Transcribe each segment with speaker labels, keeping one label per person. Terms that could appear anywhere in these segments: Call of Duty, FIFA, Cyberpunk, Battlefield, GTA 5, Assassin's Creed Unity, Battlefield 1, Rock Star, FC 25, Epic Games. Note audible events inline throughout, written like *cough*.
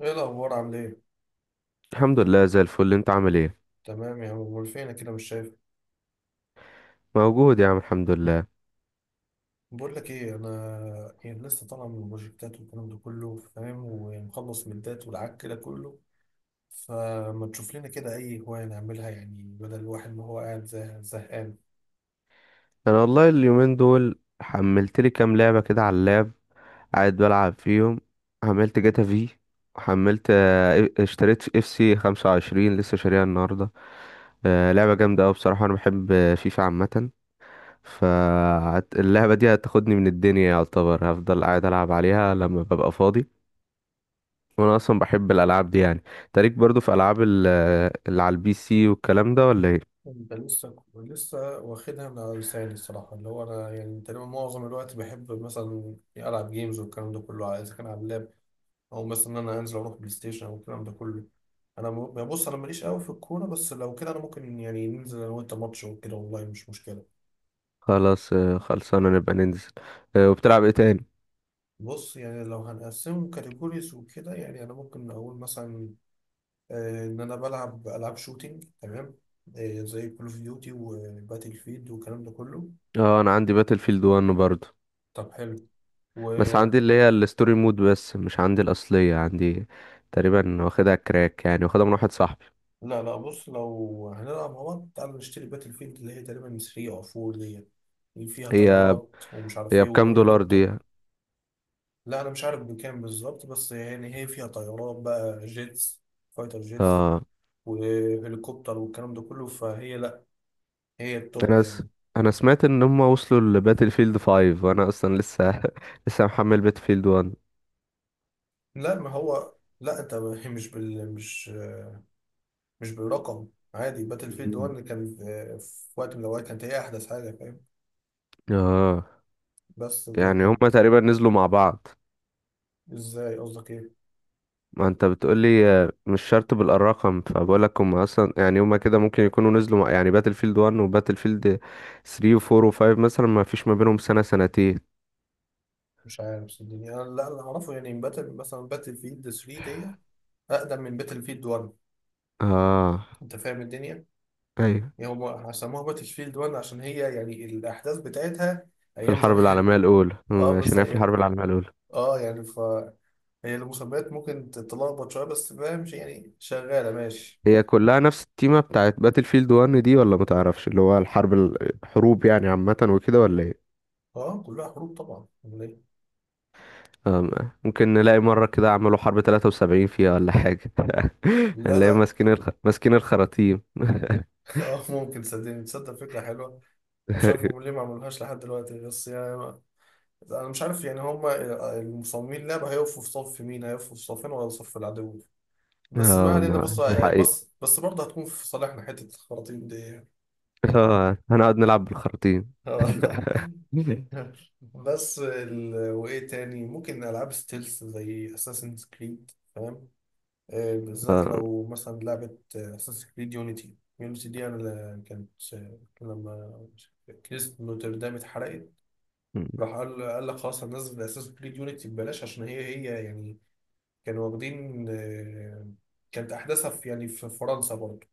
Speaker 1: ايه الاخبار؟ عامل ايه؟
Speaker 2: الحمد لله زي الفل، انت عامل ايه؟
Speaker 1: تمام يا عم، امال فينك كده مش شايف؟
Speaker 2: موجود يا عم، الحمد لله.
Speaker 1: بقول لك ايه، انا يعني لسه طالع من البروجكتات والكلام ده كله، فاهم، ومخلص من الدات والعك كده كله، فما تشوف لنا كده اي هوايه نعملها يعني، بدل الواحد ما هو قاعد زهقان.
Speaker 2: انا والله اليومين دول حملت لي كام لعبه كده على اللاب. قاعد بلعب فيهم. حملت جاتا في. وحملت اشتريت اف سي 25، لسه شاريها النهارده. اه، لعبه جامده قوي بصراحه. انا بحب فيفا عامه، فاللعبه دي هتاخدني من الدنيا. يعتبر هفضل قاعد العب عليها لما ببقى فاضي. وانا اصلا بحب الالعاب دي يعني. تاريك برضو في العاب اللي على البي سي والكلام ده، ولا ايه؟
Speaker 1: انت لسه واخدها من على لساني الصراحه، اللي هو انا يعني تقريبا معظم الوقت بحب مثلا العب جيمز والكلام ده كله اذا كان على اللاب، او مثلا ان انا هنزل اروح بلاي ستيشن او الكلام ده كله. يعني بص، انا ماليش قوي في الكوره، بس لو كده انا ممكن يعني ننزل انا وانت ماتش وكده، والله مش مشكله.
Speaker 2: خلاص، آه، خلصانة نبقى ننزل. آه، وبتلعب ايه تاني؟
Speaker 1: بص يعني لو هنقسمه كاتيجوريز وكده يعني انا ممكن اقول مثلا ان انا بلعب العاب شوتينج، تمام، زي كول اوف ديوتي وباتل فيلد والكلام ده كله.
Speaker 2: اه، انا عندي باتل فيلد 1 برضه.
Speaker 1: طب حلو. و
Speaker 2: بس عندي اللي هي الستوري مود بس، مش عندي الاصلية. عندي تقريبا واخدها كراك يعني، واخدها من واحد صاحبي.
Speaker 1: لا لا، بص، لو هنلعب مع بعض تعالى نشتري باتل فيلد اللي هي تقريبا 3 او 4 دي، اللي فيها
Speaker 2: هي
Speaker 1: طيارات ومش عارف
Speaker 2: هي
Speaker 1: ايه
Speaker 2: بكام دولار
Speaker 1: وهليكوبتر.
Speaker 2: دي؟
Speaker 1: لا انا مش عارف بكام بالظبط، بس يعني هي فيها طيارات بقى جيتس، فايتر جيتس،
Speaker 2: اه،
Speaker 1: وهليكوبتر والكلام ده كله، فهي لا، هي التوب
Speaker 2: انا س...
Speaker 1: يعني.
Speaker 2: انا سمعت ان هم وصلوا لباتل فيلد 5، وانا اصلا لسه *laughs* لسه محمل باتل فيلد 1.
Speaker 1: لا ما هو، لا انت *laughs* هي مش بال مش مش بالرقم. عادي باتل فيلد 1
Speaker 2: مم.
Speaker 1: اللي كان في وقت من الاوقات كانت هي احدث حاجه، فاهم؟
Speaker 2: اه
Speaker 1: بس
Speaker 2: يعني هم
Speaker 1: لكن
Speaker 2: تقريبا نزلوا مع بعض.
Speaker 1: ازاي؟ قصدك ايه؟
Speaker 2: ما انت بتقولي آه، مش شرط بالارقام، فبقولك هم اصلا يعني هما كده ممكن يكونوا نزلوا يعني باتل فيلد 1 وباتل فيلد 3 و4 و5 مثلا، ما فيش ما بينهم سنة سنتين.
Speaker 1: مش عارف صدقني انا، لا اللي اعرفه يعني باتل فيلد 3 دي اقدم من باتل فيلد 1،
Speaker 2: اه.
Speaker 1: انت فاهم الدنيا.
Speaker 2: ايوه،
Speaker 1: هم سموها باتشفيلد 1 عشان هي يعني الأحداث بتاعتها
Speaker 2: في
Speaker 1: أيام
Speaker 2: الحرب
Speaker 1: زمان.
Speaker 2: العالمية الاولى.
Speaker 1: *laughs* اه
Speaker 2: عشان
Speaker 1: بس
Speaker 2: هي في
Speaker 1: هي
Speaker 2: الحرب العالمية الاولى.
Speaker 1: اه يعني ف هي المسميات ممكن تتلخبط شوية، بس فاهم، يعني شغالة ماشي.
Speaker 2: هي كلها نفس التيمة بتاعت باتل فيلد 1 دي، ولا ما تعرفش؟ اللي هو الحرب الحروب يعني عامة وكده، ولا ايه؟
Speaker 1: اه كلها حروب طبعا، أمال إيه؟
Speaker 2: آه، ممكن نلاقي مرة كده عملوا حرب 73 فيها ولا حاجة. *laughs*
Speaker 1: لا
Speaker 2: هنلاقي
Speaker 1: لا.
Speaker 2: ماسكين ماسكين الخراطيم.
Speaker 1: *laughs* اه ممكن، صدقني، تصدق فكرة حلوة أنا. مش عارف
Speaker 2: *laughs*
Speaker 1: هم ليه ما عملوهاش لحد دلوقتي، بس يعني أنا مش عارف يعني هم المصممين اللعبة هيقفوا في صف مين، هيقفوا في صفين ولا صف العدو. بس ما
Speaker 2: آه،
Speaker 1: علينا، بص.
Speaker 2: ما دي حقيقة.
Speaker 1: بص بس برضه هتكون في صالحنا حتة الخراطيم دي.
Speaker 2: آه، هنقعد نلعب بالخراطيم. *laughs*
Speaker 1: آه. *laughs* وايه تاني؟ ممكن العاب ستيلز زي اساسن كريد، فاهم؟ بالذات
Speaker 2: آه.
Speaker 1: لو مثلا لعبه اساسن كريد يونيتي، يونيتي دي انا ل- كانت آه، لما كنيسة نوتردام اتحرقت
Speaker 2: م.
Speaker 1: راح قال لك خلاص هننزل اساسن كريد يونيتي ببلاش، عشان هي يعني كانوا واخدين، كانت احداثها في يعني في فرنسا برضه.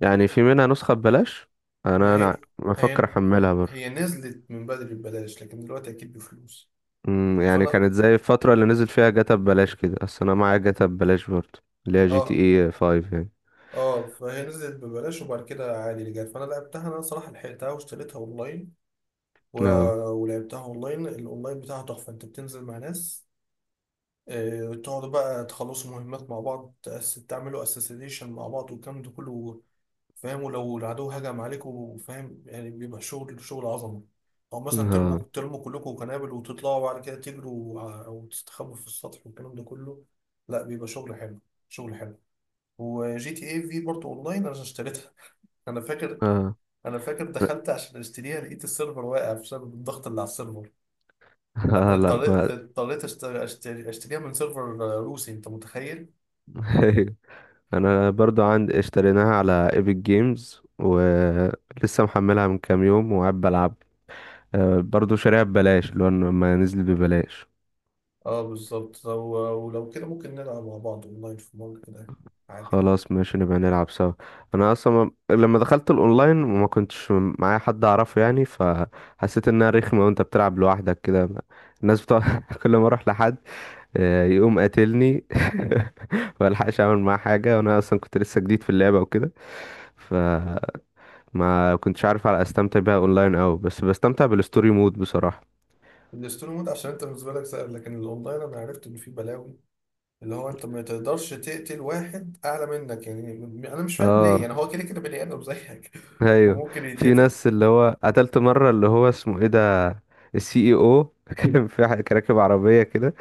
Speaker 2: يعني في منها نسخة ببلاش. أنا
Speaker 1: ما
Speaker 2: أنا
Speaker 1: هي،
Speaker 2: بفكر
Speaker 1: هي
Speaker 2: أحملها برضه.
Speaker 1: نزلت من بدري ببلاش لكن دلوقتي اكيد بفلوس.
Speaker 2: يعني
Speaker 1: فانا
Speaker 2: كانت زي الفترة اللي نزل فيها جاتا ببلاش كده. أصل أنا معايا جاتا ببلاش برضه، اللي هي جي تي
Speaker 1: اه
Speaker 2: اي 5 يعني.
Speaker 1: اه فهي نزلت ببلاش وبعد كده عادي اللي جت، فانا لعبتها، انا صراحه لحقتها واشتريتها و...
Speaker 2: اه
Speaker 1: ولعبتها اونلاين. الاونلاين بتاعها تحفه، انت بتنزل مع ناس، تقعدوا بقى تخلصوا مهمات مع بعض، تعملوا اساسيشن مع بعض والكلام ده كله، فاهم، ولو العدو هجم عليكم، وفاهم يعني بيبقى شغل عظمه. او مثلا
Speaker 2: اه
Speaker 1: ترموا كلكم قنابل وتطلعوا بعد كده او تستخبوا في السطح والكلام ده كله. لا بيبقى شغل حلو، شغل حلو. وجي تي اي في برضه اونلاين انا اشتريتها. انا فاكر،
Speaker 2: اه.
Speaker 1: انا فاكر دخلت عشان اشتريها، لقيت السيرفر واقع بسبب الضغط اللي على السيرفر.
Speaker 2: آه لا
Speaker 1: اضطريت
Speaker 2: ما.
Speaker 1: اضطريت اشتريها من سيرفر روسي، انت متخيل؟
Speaker 2: *laughs* انا برضو عندي، اشتريناها على ايبك جيمز، ولسه محملها من كام يوم وقاعد بلعب. آه، برضو شاريها ببلاش، اللي هو لما نزل ببلاش.
Speaker 1: اه بالظبط، ولو كده ممكن نلعب مع بعض اونلاين في مره كده حاجه.
Speaker 2: خلاص ماشي، نبقى نلعب سوا. انا اصلا لما دخلت الاونلاين ما كنتش معايا حد اعرفه يعني، فحسيت انها رخمه وانت بتلعب لوحدك كده. الناس بتوع *laughs* كل ما اروح لحد، آه، يقوم قاتلني. *laughs* ما الحقش اعمل معاه حاجه، وانا اصلا كنت لسه جديد في اللعبه وكده. فما كنتش عارف على استمتع بيها اونلاين أوي، بس بستمتع بالستوري مود بصراحه.
Speaker 1: الستوري مود عشان انت بالنسبه لك سهل، لكن الاونلاين انا عرفت ان فيه بلاوي، اللي هو انت ما تقدرش تقتل واحد اعلى منك، يعني انا مش فاهم ليه،
Speaker 2: اه،
Speaker 1: يعني هو كده كده بني ادم زيك *laughs*
Speaker 2: ايوه.
Speaker 1: وممكن
Speaker 2: في
Speaker 1: يتقتل.
Speaker 2: ناس اللي هو قتلت مره، اللي هو اسمه ايه ده، السي اي او. *laughs* كان في كان راكب عربيه كده.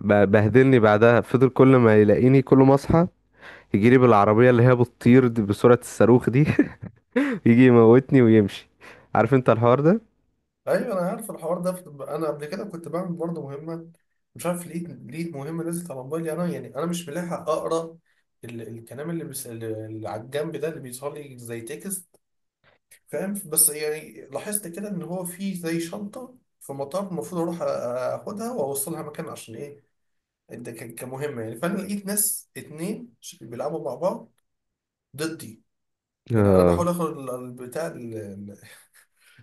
Speaker 2: بهدلني بعدها. فضل كل ما يلاقيني كل ما اصحى يجي لي بالعربيه اللي هي بتطير دي بسرعه الصاروخ دي. *laughs* يجي يموتني ويمشي. عارف انت الحوار ده؟
Speaker 1: ايوه انا عارف الحوار ده، انا قبل كده كنت بعمل برضه مهمه مش عارف ليه، مهمه نزلت على موبايلي، انا يعني انا مش ملاحق اقرا الكلام اللي، بس اللي على الجنب ده اللي بيظهر لي زي تكست، فاهم، بس يعني لاحظت كده ان هو في زي شنطه في مطار، المفروض اروح اخدها واوصلها مكان، عشان ايه؟ ده كمهمه يعني، فانا لقيت ناس اتنين بيلعبوا مع بعض ضدي، يعني انا بحاول
Speaker 2: اه،
Speaker 1: اخد البتاع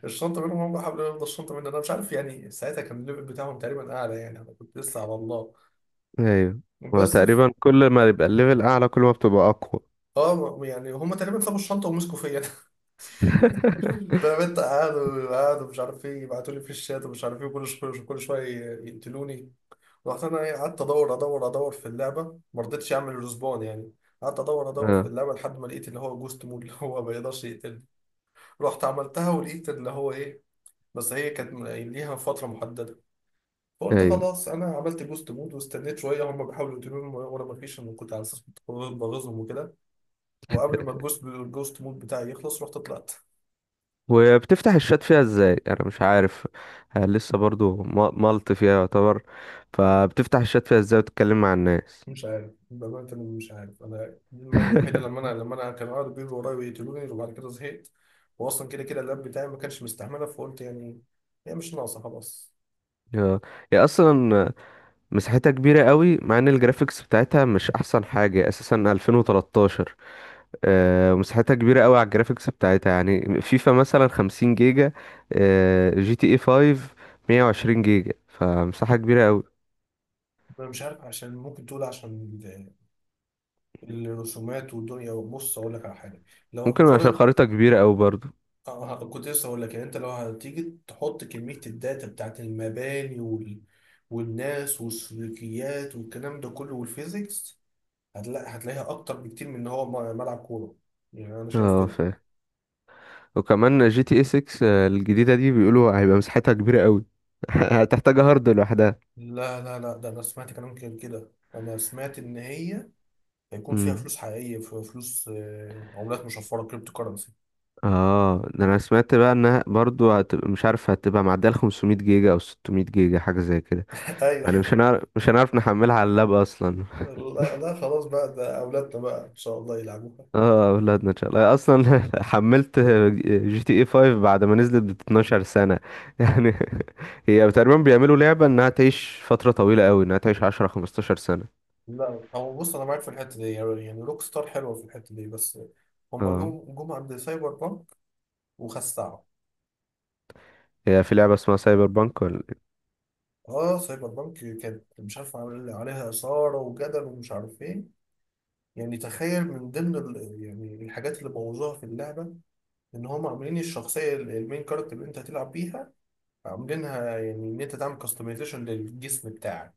Speaker 1: الشنطه منهم، هم حاولوا ياخدوا الشنطه مني، انا مش عارف يعني ساعتها كان الليفل بتاعهم تقريبا اعلى، يعني انا كنت لسه على الله.
Speaker 2: ايوه. هو
Speaker 1: بس ف-
Speaker 2: تقريبا كل ما يبقى الليفل اعلى كل ما بتبقى اقوى.
Speaker 1: اه يعني هم تقريبا سابوا الشنطه ومسكوا فيا، انا *laughs*
Speaker 2: *laughs*
Speaker 1: فاهم انت، قعدوا مش عارف ايه يبعتوا لي في الشات ومش عارف ايه، كل شويه كل شويه يقتلوني. رحت انا قعدت ادور ادور ادور في اللعبه، ما رضيتش اعمل ريسبون يعني، قعدت ادور ادور في
Speaker 2: اه،
Speaker 1: اللعبه لحد ما لقيت اللي هو جوست مود، اللي هو ما يقدرش يقتلني، رحت عملتها ولقيت اللي هو ايه، بس هي كانت ليها فتره محدده، فقلت
Speaker 2: ايوه.
Speaker 1: خلاص انا عملت جوست مود واستنيت شويه، هم بيحاولوا يقتلوني وانا ما فيش، انا كنت على اساس كنت بغيظهم وكده، وقبل ما الجوست مود بتاعي يخلص رحت طلعت.
Speaker 2: وبتفتح الشات فيها ازاي؟ انا مش عارف. آه، لسه برضو ملط فيها يعتبر. فبتفتح الشات فيها ازاي وتتكلم مع الناس؟
Speaker 1: مش عارف بأمانة، أنا مش عارف، أنا دي المرة الوحيدة
Speaker 2: *laughs*
Speaker 1: لما أنا كانوا قاعدوا بيجروا ورايا ويقتلوني وبعد كده زهقت، وأصلا كده كده اللاب بتاعي ما كانش مستحمله، فقلت يعني هي مش ناقصة خلاص.
Speaker 2: يا هي اصلا مساحتها كبيره قوي، مع ان الجرافيكس بتاعتها مش احسن حاجه، اساسا 2013. آه، مساحتها كبيره قوي على الجرافيكس بتاعتها. يعني فيفا مثلا 50 جيجا، آه، جي تي اي 5 120 جيجا. فمساحه كبيره قوي.
Speaker 1: أنا مش عارف عشان ممكن تقول عشان الرسومات والدنيا، بص أقول لك على حاجة، لو
Speaker 2: ممكن عشان
Speaker 1: هنقارن
Speaker 2: خريطه كبيره قوي برضو.
Speaker 1: اه كنت لسه هقول لك، يعني انت لو هتيجي تحط كمية الداتا بتاعت المباني والناس والسلوكيات والكلام ده كله والفيزيكس، هتلاقيها اكتر بكتير من ان هو ملعب كورة. يعني انا شايف
Speaker 2: اه،
Speaker 1: كده.
Speaker 2: وكمان جي تي اي 6، آه، الجديدة دي بيقولوا هيبقى مساحتها كبيرة قوي. *laughs* هتحتاج هارد لوحدها.
Speaker 1: لا لا لا ده انا سمعت كلام كده كده، انا سمعت ان هي هيكون فيها
Speaker 2: امم
Speaker 1: فلوس حقيقية، في فلوس عملات مشفرة كريبتو كرنسي.
Speaker 2: اه، ده انا سمعت بقى انها برضو هتبقى، مش عارف، هتبقى معدية ال 500 جيجا او 600 جيجا حاجة زي كده.
Speaker 1: *laughs*
Speaker 2: يعني
Speaker 1: ايوه.
Speaker 2: مش هنعرف نحملها على اللاب اصلا.
Speaker 1: لا لا خلاص بقى، ده اولادنا بقى ان شاء الله يلعبوا.
Speaker 2: اه، اولادنا ان شاء الله اصلا. *laughs* حملت جي تي اي 5 بعد ما نزلت ب 12 سنة. *laughs* يعني هي تقريبا بيعملوا لعبة انها تعيش فترة طويلة قوي، انها تعيش 10 15 سنة.
Speaker 1: لا هو بص انا معاك في الحته دي، يعني روك ستار حلوه في الحته دي، بس هما
Speaker 2: اه،
Speaker 1: جم عند سايبر بانك وخسعوا.
Speaker 2: هي في لعبة اسمها سايبر بانك؟
Speaker 1: اه سايبر بانك كانت مش عارف عامل عليها اثاره وجدل ومش عارف ايه، يعني تخيل من ضمن يعني الحاجات اللي بوظوها في اللعبه ان هما عاملين الشخصيه المين كاركتر اللي انت هتلعب بيها، عاملينها يعني ان انت تعمل كاستمايزيشن للجسم بتاعك،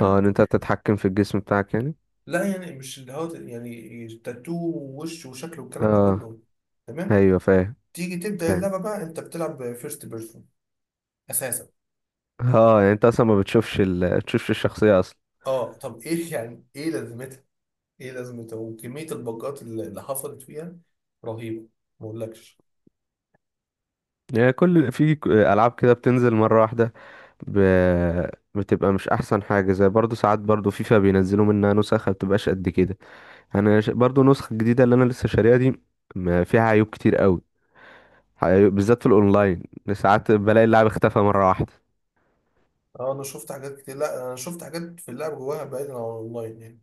Speaker 2: اه، ان انت تتحكم في الجسم بتاعك يعني.
Speaker 1: لا يعني مش اللي هو يعني تاتو ووش وشكل والكلام ده
Speaker 2: اه،
Speaker 1: كله، تمام.
Speaker 2: ايوه فاهم.
Speaker 1: تيجي تبدأ
Speaker 2: فاهم.
Speaker 1: اللعبة بقى انت بتلعب فيرست بيرسون اساسا.
Speaker 2: اه يعني انت اصلا ما بتشوفش تشوفش الشخصيه اصلا.
Speaker 1: اه طب ايه؟ *laughs* يعني ايه لازمتها، ايه لازمتها، وكمية الباجات اللي حصلت فيها رهيبة، ما اقولكش.
Speaker 2: يعني كل العاب كده بتنزل مره واحده. ب... بتبقى مش احسن حاجه. زي برضو ساعات برضو، فيفا بينزلوا منها نسخ ما بتبقاش قد كده. برضو نسخه جديده اللي انا لسه شاريها دي ما فيها عيوب كتير قوي. بالذات في الاونلاين، ساعات بلاقي اللاعب اختفى مره واحده.
Speaker 1: اه انا شفت حاجات كتير، لا انا شفت حاجات في اللعبة جواها بعيدا عن الاونلاين يعني.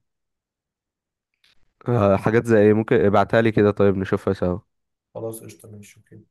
Speaker 2: آه، حاجات زي ايه؟ ممكن ابعتها لي كده، طيب، نشوفها سوا؟
Speaker 1: خلاص قشطة ماشي اوكي